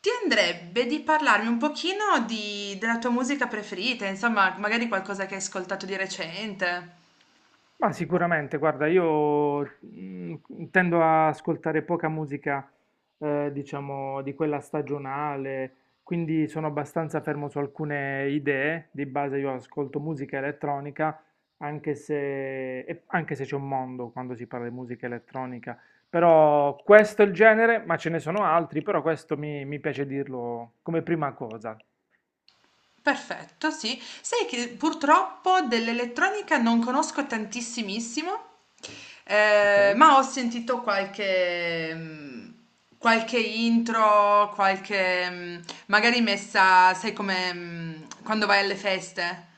Ti andrebbe di parlarmi un pochino di della tua musica preferita, insomma, magari qualcosa che hai ascoltato di recente. Ma sicuramente, guarda, io mm, tendo a ascoltare poca musica, diciamo, di quella stagionale, quindi sono abbastanza fermo su alcune idee. Di base io ascolto musica elettronica, anche se, e anche se c'è un mondo quando si parla di musica elettronica. Però questo è il genere, ma ce ne sono altri, però questo mi piace dirlo come prima cosa, Perfetto, sì. Sai che purtroppo dell'elettronica non conosco tantissimissimo, ok? Ma ho sentito qualche intro, qualche, magari messa, sai, come quando vai alle feste.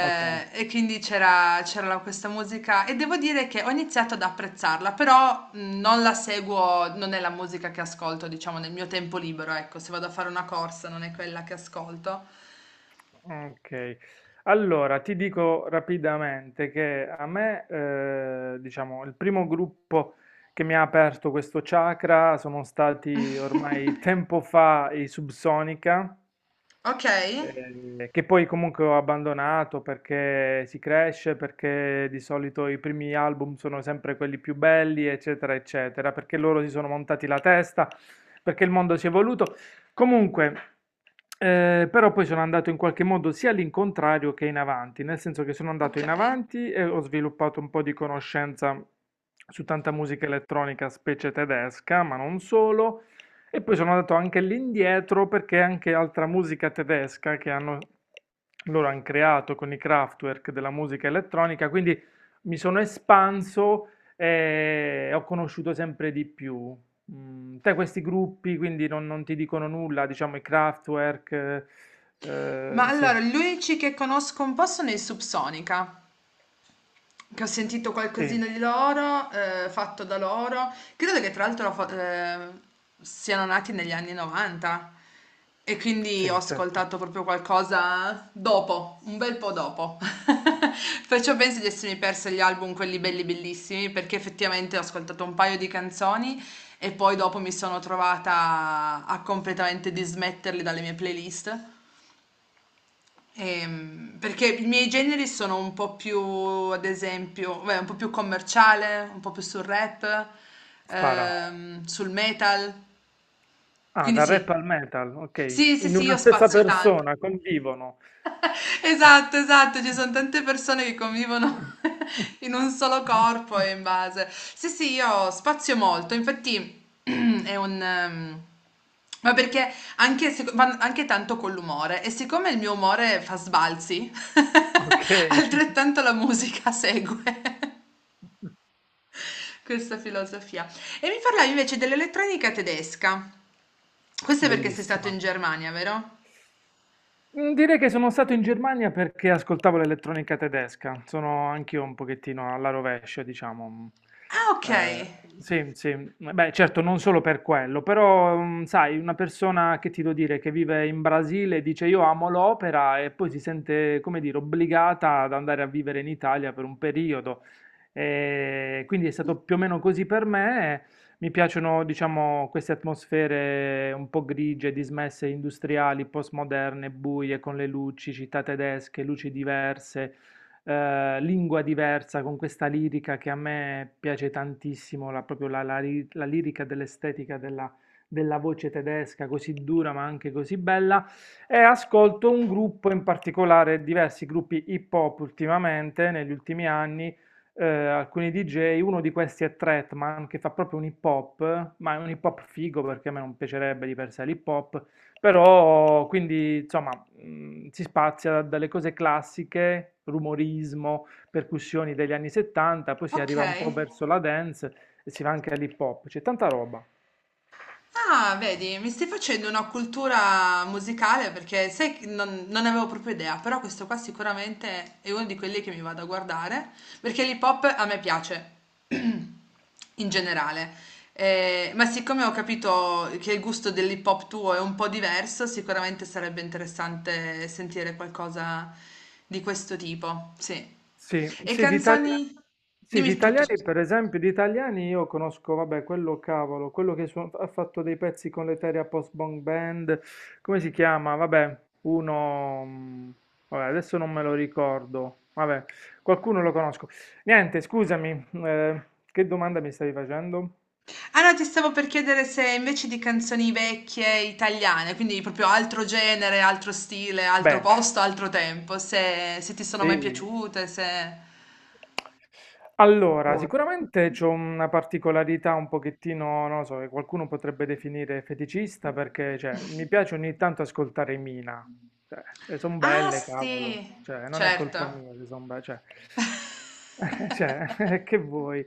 Ok. e quindi c'era questa musica e devo dire che ho iniziato ad apprezzarla, però, non la seguo, non è la musica che ascolto, diciamo, nel mio tempo libero, ecco, se vado a fare una corsa non è quella che ascolto. Ok, allora ti dico rapidamente che a me, diciamo, il primo gruppo che mi ha aperto questo chakra sono stati ormai tempo fa i Subsonica, Ok, che poi comunque ho abbandonato perché si cresce, perché di solito i primi album sono sempre quelli più belli, eccetera, eccetera, perché loro si sono montati la testa, perché il mondo si è evoluto. Comunque, però poi sono andato in qualche modo sia all'incontrario che in avanti, nel senso che sono andato in ok. avanti e ho sviluppato un po' di conoscenza su tanta musica elettronica, specie tedesca, ma non solo. E poi sono andato anche lì indietro perché anche altra musica tedesca loro hanno creato con i Kraftwerk della musica elettronica, quindi mi sono espanso e ho conosciuto sempre di più. Te questi gruppi quindi non ti dicono nulla, diciamo i Kraftwerk, Ma sì, allora, gli unici che conosco un po' sono i Subsonica, che ho sentito sì, qualcosina di loro, fatto da loro. Credo che tra l'altro siano nati negli anni 90 e quindi ho sì, certo, ascoltato proprio qualcosa dopo, un bel po' dopo. Perciò penso di essermi persa gli album, quelli belli bellissimi, perché effettivamente ho ascoltato un paio di canzoni e poi dopo mi sono trovata a completamente dismetterli dalle mie playlist. Perché i miei generi sono un po' più, ad esempio, beh, un po' più commerciale, un po' più sul rap, spara. Sul metal. Ah, Quindi dal rap sì, al metal, ok, sì, sì, in sì, io una stessa spazio tanto. persona convivono. Esatto, esatto, ci son tante persone che convivono in un solo corpo e in base sì, sì, io spazio molto, infatti è un, ma perché anche seco van anche tanto con l'umore e siccome il mio umore fa sbalzi, Okay, altrettanto la musica segue questa filosofia. E mi parlavi invece dell'elettronica tedesca. Questo è perché sei stato in bellissima. Germania, vero? Mhmm, Direi che sono stato in Germania perché ascoltavo l'elettronica tedesca. Sono anch'io un pochettino alla rovescia, diciamo, Ah, ehm, okay, sì, sì, beh, certo non solo per quello, però, sai, una persona che ti devo dire, che vive in Brasile dice: "Io amo l'opera" e poi si sente, come dire, obbligata ad andare a vivere in Italia per un periodo. Quindi è stato più o meno così per me. Mi piacciono, diciamo, queste atmosfere un po' grigie, dismesse, industriali, postmoderne, buie, con le luci, città tedesche, luci diverse, lingua diversa, con questa lirica che a me piace tantissimo, la, proprio la, la ri- la lirica dell'estetica della voce tedesca, così dura ma anche così bella. E ascolto un gruppo in particolare, diversi gruppi hip hop ultimamente, negli ultimi anni, alcuni DJ, uno di questi è Tretman che fa proprio un hip hop, ma è un hip hop figo perché a me non piacerebbe di per sé l'hip hop, però quindi insomma, si spazia dalle cose classiche, rumorismo, percussioni degli anni 70, poi si arriva un po' okay. verso la dance e si va anche all'hip hop, c'è tanta roba. Ah, vedi, mi stai facendo una cultura musicale perché sai che non ne avevo proprio idea, però questo qua sicuramente è uno di quelli che mi vado a guardare, perché l'hip hop a me piace in generale. Ma siccome ho capito che il gusto dell'hip hop tuo è un po' diverso, sicuramente sarebbe interessante sentire qualcosa di questo tipo, sì. Sì, E sì, canzoni? sì, di Dimmi tutto. italiani, per esempio, di italiani io conosco, vabbè, quello cavolo, quello che ha fatto dei pezzi con l'Eteria Post Bang Band, come si chiama? Vabbè, uno, vabbè, adesso non me lo ricordo, vabbè, qualcuno lo conosco. Niente, scusami, che domanda mi stavi facendo? Ah no, ti stavo per chiedere se invece di canzoni vecchie italiane, quindi proprio altro genere, altro stile, altro Beh, posto, altro tempo, se ti sono mai sì, piaciute, se... allora, sicuramente c'ho una particolarità un pochettino, non lo so, che qualcuno potrebbe definire feticista perché, cioè, mi piace ogni tanto ascoltare Mina. Cioè, le son Ah belle, cavolo. sì, Cioè, non è colpa certo. mia se son belle, cioè, cioè, che vuoi?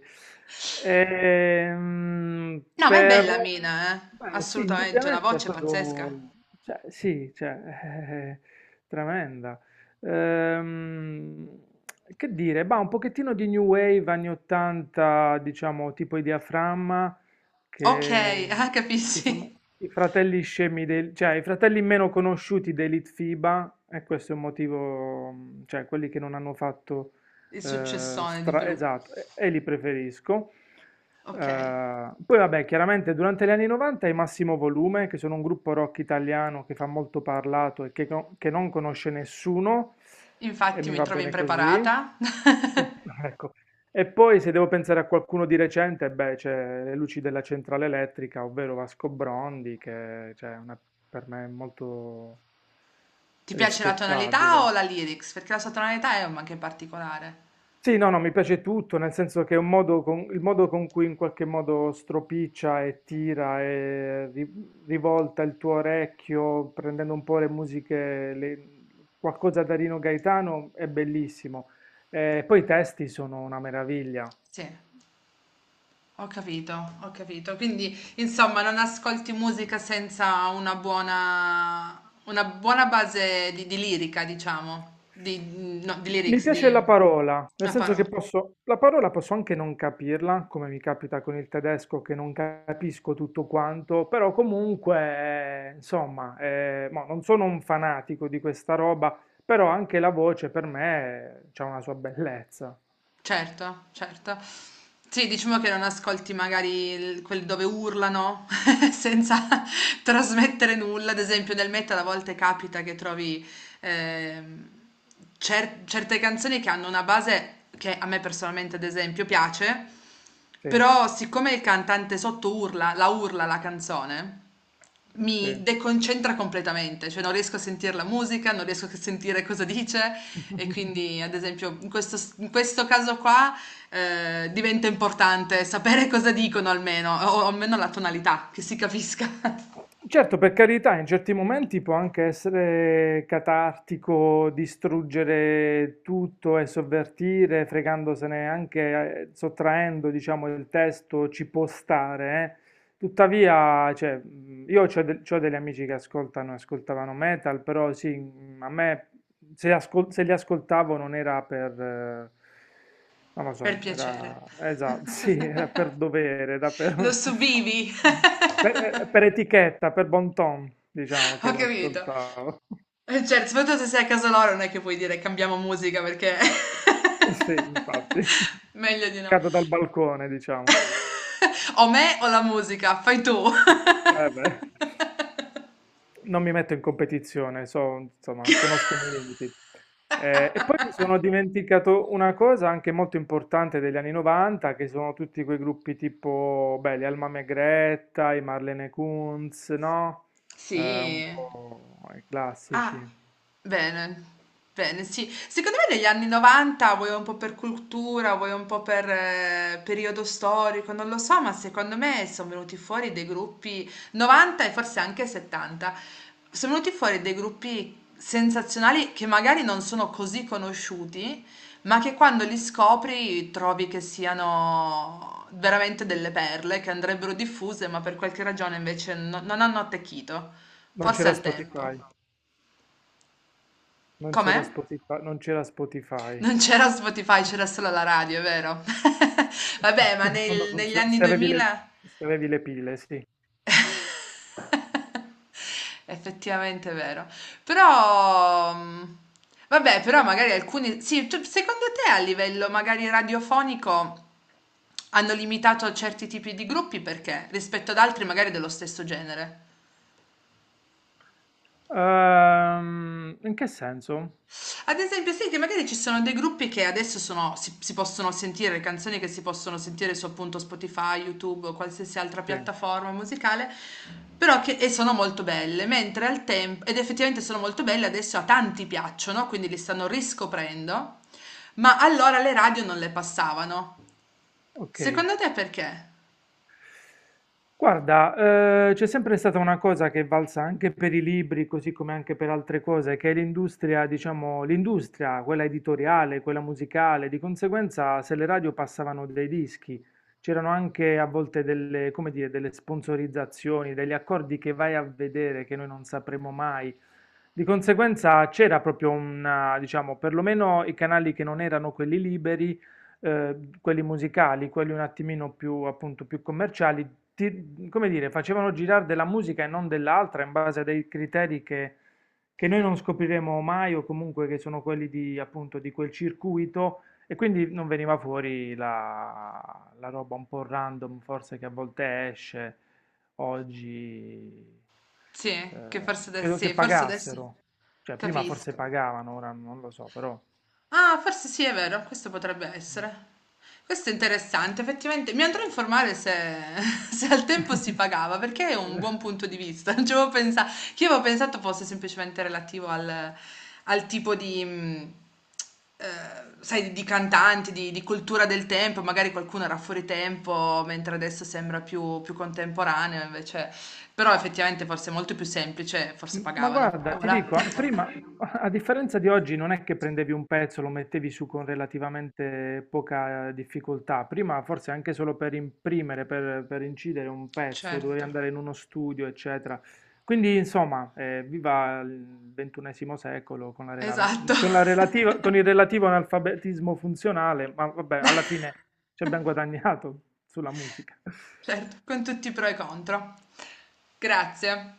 No, ma è bella Però, Mina, eh? beh, sì, Assolutamente, una indubbiamente è voce proprio, pazzesca. cioè, sì, cioè, è tremenda. Ehm, che dire, bah, un pochettino di new wave anni 80, diciamo, tipo i Diaframma, Ok. che, Ah, che sono capisci? i fratelli scemi, cioè i fratelli meno conosciuti dei Litfiba, e questo è un motivo, cioè quelli che non hanno fatto, Il successone di Pelù. esatto, e li preferisco. Ok, Eh, poi vabbè, chiaramente durante gli anni 90 i Massimo Volume, che sono un gruppo rock italiano che fa molto parlato e che non conosce nessuno, e infatti mi mi va trovi bene così. Impreparata. ecco. E poi se devo pensare a qualcuno di recente, beh, c'è Le luci della centrale elettrica, ovvero Vasco Brondi, che cioè, per me è molto Ti piace la tonalità o rispettabile. la lyrics? Perché la sua tonalità è anche particolare. Sì, no, no, mi piace tutto, nel senso che è il modo con cui in qualche modo stropiccia e tira e rivolta il tuo orecchio, prendendo un po' le musiche, qualcosa da Rino Gaetano, è bellissimo. Poi i testi sono una meraviglia. Sì, ho capito, ho capito. Quindi, insomma, non ascolti musica senza una buona base di lirica, diciamo, di, no, di Mi lyrics, piace di la parola, nel una senso che parola. La parola posso anche non capirla, come mi capita con il tedesco che non capisco tutto quanto, però comunque, insomma, mo, non sono un fanatico di questa roba, però anche la voce per me ha una sua bellezza. Certo, certo. Sì, diciamo che non ascolti magari il quelli dove urlano senza trasmettere nulla. Ad esempio nel metal a volte capita che trovi, ehm, certe canzoni che hanno una base che a me personalmente ad esempio piace, Sì, però siccome il cantante sotto urla la canzone mi sì. deconcentra completamente, cioè non riesco a sentire la musica, non riesco a sentire cosa dice e quindi ad esempio in questo, caso qua, diventa importante sapere cosa dicono almeno, o almeno la tonalità, che si capisca, Certo, per carità, in certi momenti può anche essere catartico distruggere tutto e sovvertire, fregandosene anche, sottraendo, diciamo, il testo, ci può stare, eh. Tuttavia, cioè, io ho degli amici che ascoltano, ascoltavano metal, però sì, a me se li ascoltavo non era per, non lo per so, piacere. era, esatto, sì, era per dovere, era Lo per, subivi. per etichetta, per bon ton, diciamo che Ho capito. l'ascoltavo. Certo, soprattutto se sei a casa loro non è che puoi dire cambiamo musica perché... Sì, infatti, Meglio di no. cado dal balcone, diciamo. O me o la musica, fai tu. Eh beh. Non mi metto in competizione, so, insomma, conosco i miei limiti. E poi mi sono dimenticato una cosa anche molto importante degli anni 90, che sono tutti quei gruppi tipo, beh, gli Alma May Greta, i Marlene Kunz, no? Sì. Un po' i Ah, classici. bene, bene, sì. Secondo me negli anni 90, vuoi un po' per cultura, vuoi un po' per periodo storico, non lo so, ma secondo me sono venuti fuori dei gruppi 90 e forse anche 70. Sono venuti fuori dei gruppi sensazionali che magari non sono così conosciuti, ma che quando li scopri trovi che siano veramente delle perle che andrebbero diffuse, ma per qualche ragione invece non hanno attecchito, Non forse c'era al Spotify, tempo. non c'era Come? Spotify, non c'era Spotify. Non c'era Spotify, c'era solo la radio, è vero? Sì, Vabbè, ma quando negli funziona, anni se avevi le, 2000 se avevi le pile, sì. effettivamente è vero. Però, vabbè, però magari alcuni sì, secondo te a livello magari radiofonico hanno limitato certi tipi di gruppi perché rispetto ad altri magari dello stesso genere? In che senso? Ad esempio, sì, che magari ci sono dei gruppi che adesso sono, si possono sentire, le canzoni che si possono sentire su appunto Spotify, YouTube o qualsiasi altra Sì. piattaforma musicale, però che e sono molto belle, mentre al tempo, ed effettivamente sono molto belle, adesso a tanti piacciono, quindi li stanno riscoprendo, ma allora le radio non le passavano. Ok, Secondo te perché? guarda, c'è sempre stata una cosa che è valsa anche per i libri, così come anche per altre cose, che è l'industria, diciamo, l'industria, quella editoriale, quella musicale, di conseguenza se le radio passavano dei dischi, c'erano anche a volte delle, come dire, delle sponsorizzazioni, degli accordi che vai a vedere che noi non sapremo mai. Di conseguenza c'era proprio una, diciamo, perlomeno i canali che non erano quelli liberi, quelli musicali, quelli un attimino più, appunto, più commerciali, come dire, facevano girare della musica e non dell'altra in base a dei criteri che noi non scopriremo mai o comunque che sono quelli di, appunto, di quel circuito e quindi non veniva fuori la roba un po' random, forse che a volte esce oggi. Sì, che eh, forse adesso, credo che sì, forse adesso pagassero, cioè prima forse capisco. pagavano, ora non lo so, però. Ah, forse sì, è vero, questo potrebbe essere. Questo è interessante, effettivamente. Mi andrò a informare se, se al tempo si pagava, perché è un buon punto di vista. Non ci avevo pensato, che io avevo pensato fosse semplicemente relativo al tipo di, eh, sai, di cantanti, di cultura del tempo. Magari qualcuno era fuori tempo, mentre adesso sembra più contemporaneo, invece. Però effettivamente forse è molto più semplice, forse Ma pagavano. guarda, ti Voilà. dico, prima, a differenza di oggi, non è che prendevi un pezzo, lo mettevi su con relativamente poca, difficoltà. Prima, forse anche solo per imprimere, per incidere un pezzo, dovevi Certo, andare in uno studio, eccetera. Quindi, insomma, viva il 21º secolo con la rela- esatto. con la relativa- con il relativo analfabetismo funzionale, ma vabbè, alla fine ci abbiamo guadagnato sulla musica. Certo, con tutti i pro e contro. Grazie.